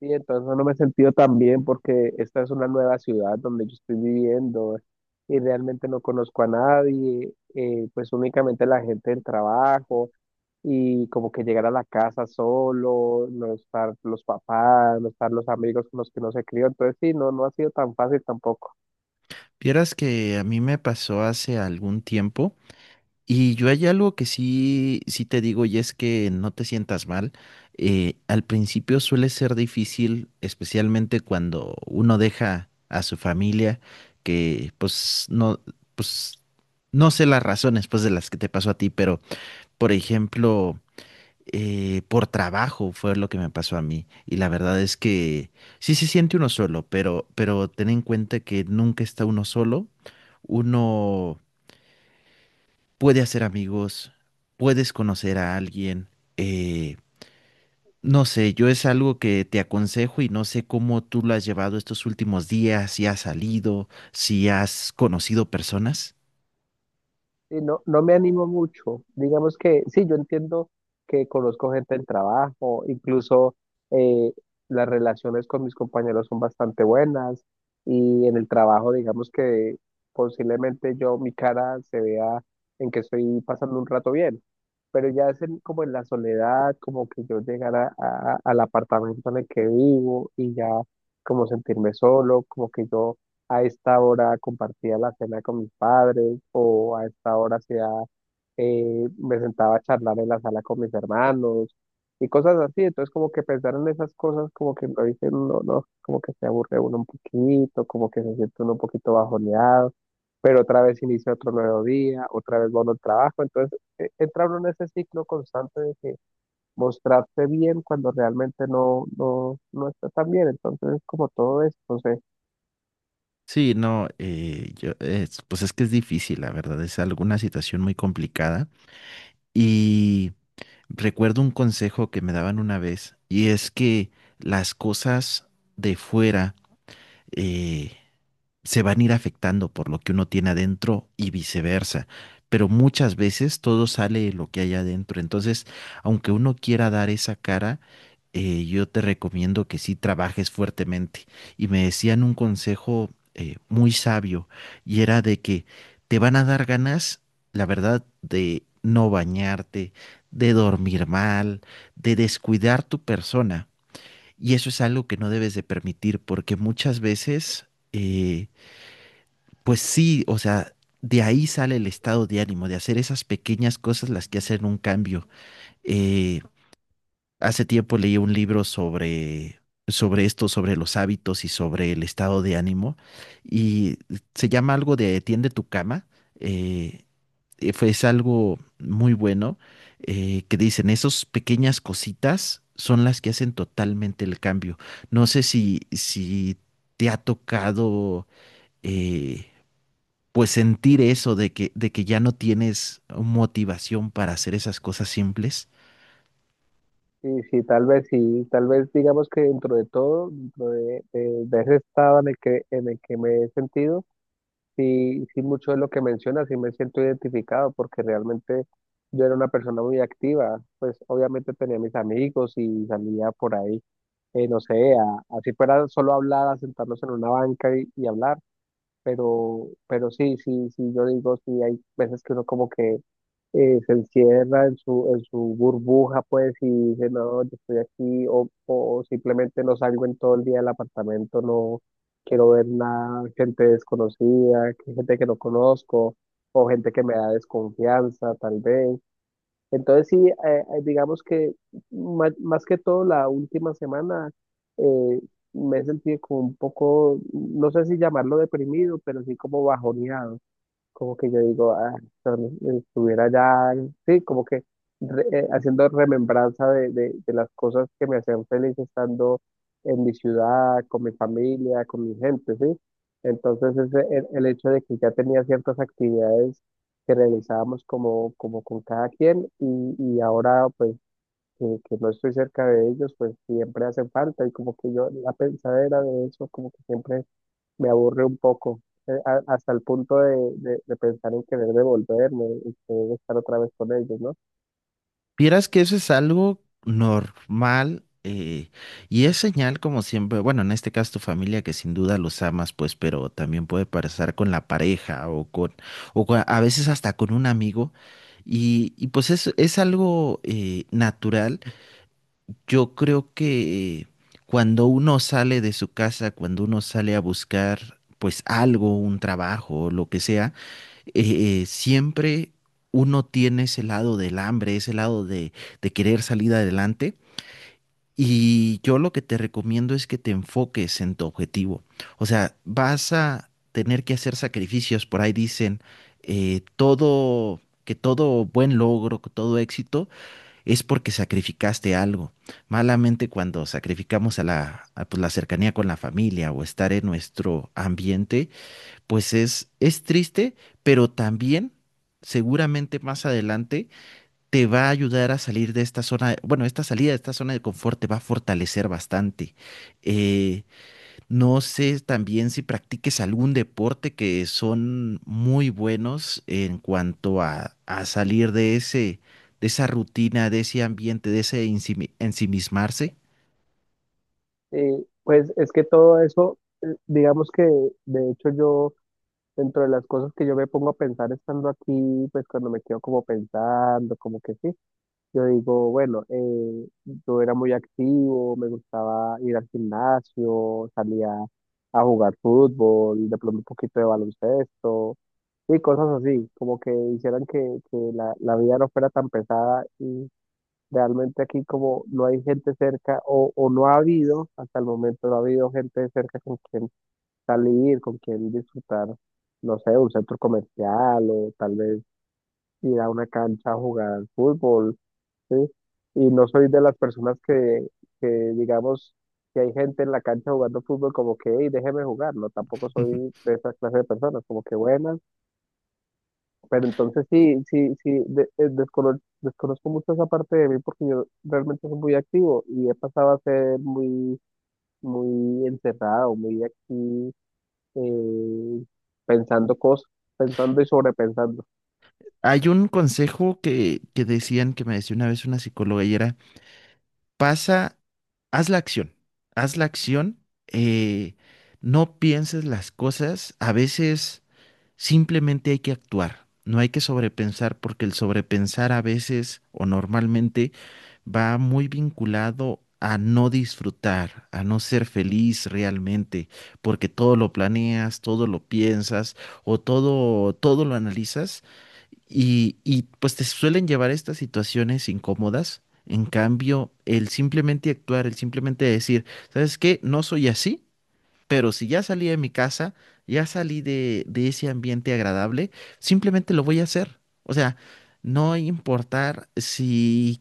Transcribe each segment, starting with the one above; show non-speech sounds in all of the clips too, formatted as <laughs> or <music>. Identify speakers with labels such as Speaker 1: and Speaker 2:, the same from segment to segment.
Speaker 1: Sí, entonces no me he sentido tan bien porque esta es una nueva ciudad donde yo estoy viviendo y realmente no conozco a nadie, pues únicamente la gente del trabajo y como que llegar a la casa solo, no estar los papás, no estar los amigos con los que no se crió. Entonces sí, no, no ha sido tan fácil tampoco.
Speaker 2: Vieras que a mí me pasó hace algún tiempo y yo hay algo que sí te digo y es que no te sientas mal. Al principio suele ser difícil, especialmente cuando uno deja a su familia, que pues no sé las razones pues de las que te pasó a ti, pero por ejemplo por trabajo fue lo que me pasó a mí. Y la verdad es que sí se siente uno solo, pero ten en cuenta que nunca está uno solo. Uno puede hacer amigos, puedes conocer a alguien. eh, no sé, yo es algo que te aconsejo y no sé cómo tú lo has llevado estos últimos días, si has salido, si has conocido personas.
Speaker 1: Sí, no, no me animo mucho. Digamos que sí, yo entiendo que conozco gente del trabajo, incluso eh, las relaciones con mis compañeros son bastante buenas y en el trabajo, digamos que posiblemente yo, mi cara se vea en que estoy pasando un rato bien, pero ya es como en la soledad, como que yo llegara al apartamento en el que vivo y ya como sentirme solo, como que yo a esta hora compartía la cena con mis padres o a esta hora hacía, me sentaba a charlar en la sala con mis hermanos y cosas así. Entonces como que pensar en esas cosas como que lo dicen, no, no, como que se aburre uno un poquito, como que se siente uno un poquito bajoneado, pero otra vez inicia otro nuevo día, otra vez va uno al trabajo. Entonces entra uno en ese ciclo constante de que mostrarse bien cuando realmente no, no, no está tan bien. Entonces es como todo esto.
Speaker 2: Sí, no, yo, pues es que es difícil, la verdad, es alguna situación muy complicada. y Recuerdo un consejo que me daban una vez y es que las cosas de fuera, eh, se van a ir afectando por lo que uno tiene adentro y viceversa. Pero muchas veces todo sale de lo que hay adentro. Entonces, aunque uno quiera dar esa cara, yo te recomiendo que sí trabajes fuertemente. Y me decían un consejo muy sabio y era de que te van a dar ganas, la verdad, de no bañarte, de dormir mal, de descuidar tu persona. Y eso es algo que no debes de permitir porque muchas veces... pues sí, o sea, de ahí sale el estado de ánimo, de hacer esas pequeñas cosas las que hacen un cambio. Eh, hace tiempo leí un libro sobre esto, sobre los hábitos y sobre el estado de ánimo, y se llama algo de Tiende tu cama. eh, es algo muy bueno que dicen, esas pequeñas cositas son las que hacen totalmente el cambio. No sé si te ha tocado... eh, pues sentir eso de que ya no tienes motivación para hacer esas cosas simples.
Speaker 1: Sí, sí, tal vez digamos que dentro de todo, dentro de ese estado en el que me he sentido, sí, sí mucho de lo que mencionas, sí me siento identificado porque realmente yo era una persona muy activa, pues obviamente tenía mis amigos y salía por ahí. No sé, así fuera solo hablar, a sentarnos en una banca y hablar, pero sí, sí, sí, yo digo, sí, hay veces que uno como que se encierra en su burbuja, pues, y dice, no, yo estoy aquí, o simplemente no salgo en todo el día del apartamento, no quiero ver nada, gente desconocida, gente que no conozco, o gente que me da desconfianza, tal vez. Entonces sí, digamos que más, más que todo la última semana eh, me he sentido como un poco, no sé si llamarlo deprimido, pero sí como bajoneado, como que yo digo, ah, estuviera ya, sí, como que haciendo remembranza de las cosas que me hacían feliz estando en mi ciudad, con mi familia, con mi gente, ¿sí? Entonces ese, el hecho de que ya tenía ciertas actividades que realizábamos como, como con cada quien y ahora pues que no estoy cerca de ellos, pues siempre hacen falta y como que yo la pensadera de eso, como que siempre me aburre un poco, hasta el punto de pensar en querer devolverme y querer estar otra vez con ellos, ¿no?
Speaker 2: Vieras que eso es algo normal, y es señal como siempre, bueno, en este caso tu familia que sin duda los amas, pues, pero también puede pasar con la pareja o con, a veces hasta con un amigo y pues es algo natural. Yo creo que cuando uno sale de su casa, cuando uno sale a buscar pues algo, un trabajo, lo que sea, siempre uno tiene ese lado del hambre, ese lado de querer salir adelante. Y yo lo que te recomiendo es que te enfoques en tu objetivo. O sea, vas a tener que hacer sacrificios. Por ahí dicen que todo buen logro, que todo éxito es porque sacrificaste algo. Malamente cuando sacrificamos a la, a, pues, la cercanía con la familia o estar en nuestro ambiente, pues es triste, pero también seguramente más adelante te va a ayudar a salir de esta zona, bueno, esta salida de esta zona de confort te va a fortalecer bastante. Eh, no sé también si practiques algún deporte que son muy buenos en cuanto a salir de ese, de esa rutina, de ese ambiente, de ese ensimismarse.
Speaker 1: Y pues es que todo eso, digamos que de hecho yo, dentro de las cosas que yo me pongo a pensar estando aquí, pues cuando me quedo como pensando, como que sí, yo digo, bueno, yo era muy activo, me gustaba ir al gimnasio, salía a jugar fútbol, de pronto un poquito de baloncesto y cosas así, como que hicieran que la vida no fuera tan pesada y realmente aquí como no hay gente cerca o no ha habido, hasta el momento no ha habido gente cerca con quien salir, con quien disfrutar, no sé, un centro comercial o tal vez ir a una cancha a jugar al fútbol, ¿sí? Y no soy de las personas que digamos, que hay gente en la cancha jugando fútbol como que, hey, déjeme jugar, no, tampoco soy
Speaker 2: <laughs>
Speaker 1: de esa clase de personas, como que buenas, pero entonces sí, sí, sí, desconozco mucho esa parte de mí porque yo realmente soy muy activo y he pasado a ser muy, muy encerrado, muy aquí, eh, pensando cosas, pensando y sobrepensando.
Speaker 2: Hay un consejo que decían, que me decía una vez una psicóloga y era, pasa, haz la acción, haz la acción, eh, no pienses las cosas. A veces simplemente hay que actuar, no hay que sobrepensar porque el sobrepensar a veces o normalmente va muy vinculado a no disfrutar, a no ser feliz realmente, porque todo lo planeas, todo lo piensas o todo lo analizas y pues te suelen llevar a estas situaciones incómodas. En cambio, el simplemente actuar, el simplemente decir, ¿sabes qué? No soy así, pero si ya salí de mi casa, ya salí de ese ambiente agradable, simplemente lo voy a hacer. O sea, no importar si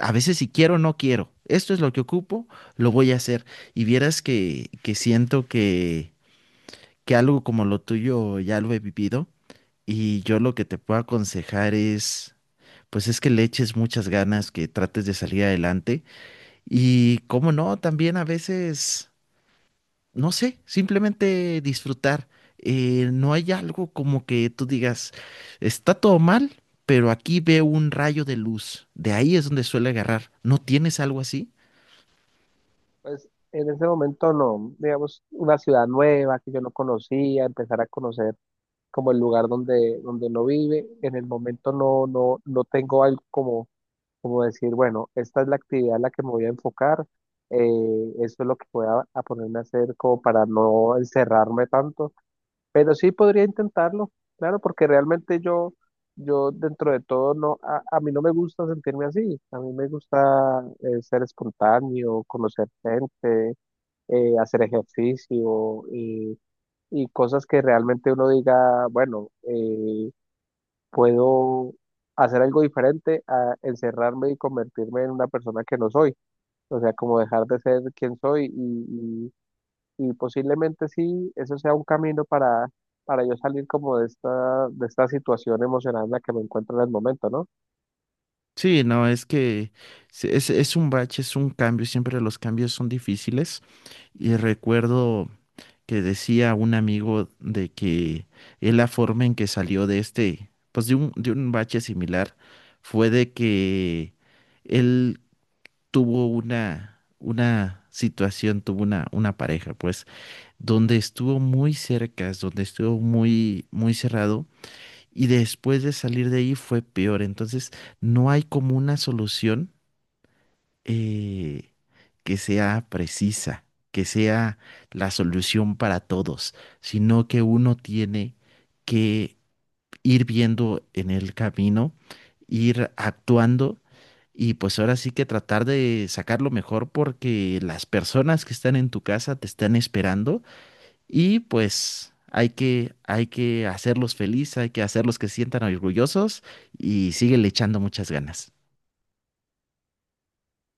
Speaker 2: a veces si quiero o no quiero. Esto es lo que ocupo, lo voy a hacer. Y vieras que siento que algo como lo tuyo ya lo he vivido. Y yo lo que te puedo aconsejar es, pues es que le eches muchas ganas, que trates de salir adelante. Y cómo no, también a veces no sé, simplemente disfrutar. No hay algo como que tú digas, está todo mal, pero aquí veo un rayo de luz. De ahí es donde suele agarrar. ¿No tienes algo así?
Speaker 1: Pues en ese momento no, digamos, una ciudad nueva que yo no conocía, empezar a conocer como el lugar donde, donde uno vive. En el momento no, no, no tengo algo como, como decir, bueno, esta es la actividad en la que me voy a enfocar, eso es lo que voy a ponerme a hacer como para no encerrarme tanto, pero sí podría intentarlo, claro, porque realmente yo, yo dentro de todo no, a mí no me gusta sentirme así, a mí me gusta ser espontáneo, conocer gente, hacer ejercicio y cosas que realmente uno diga, bueno, puedo hacer algo diferente a encerrarme y convertirme en una persona que no soy, o sea, como dejar de ser quien soy y posiblemente sí, eso sea un camino para yo salir como de esta situación emocional en la que me encuentro en el momento, ¿no?
Speaker 2: Sí, no, es que es un bache, es un cambio. Siempre los cambios son difíciles. Y recuerdo que decía un amigo de que él la forma en que salió de este, pues de un bache similar, fue de que él tuvo una situación, tuvo una pareja, pues, donde estuvo muy cerca, es donde estuvo muy, muy cerrado, y después de salir de ahí fue peor. Entonces, no hay como una solución eh, que sea precisa, que sea la solución para todos, sino que uno tiene que ir viendo en el camino, ir actuando y pues ahora sí que tratar de sacar lo mejor porque las personas que están en tu casa te están esperando y pues hay que hacerlos felices, hay que hacerlos que se sientan orgullosos y síguele echando muchas ganas.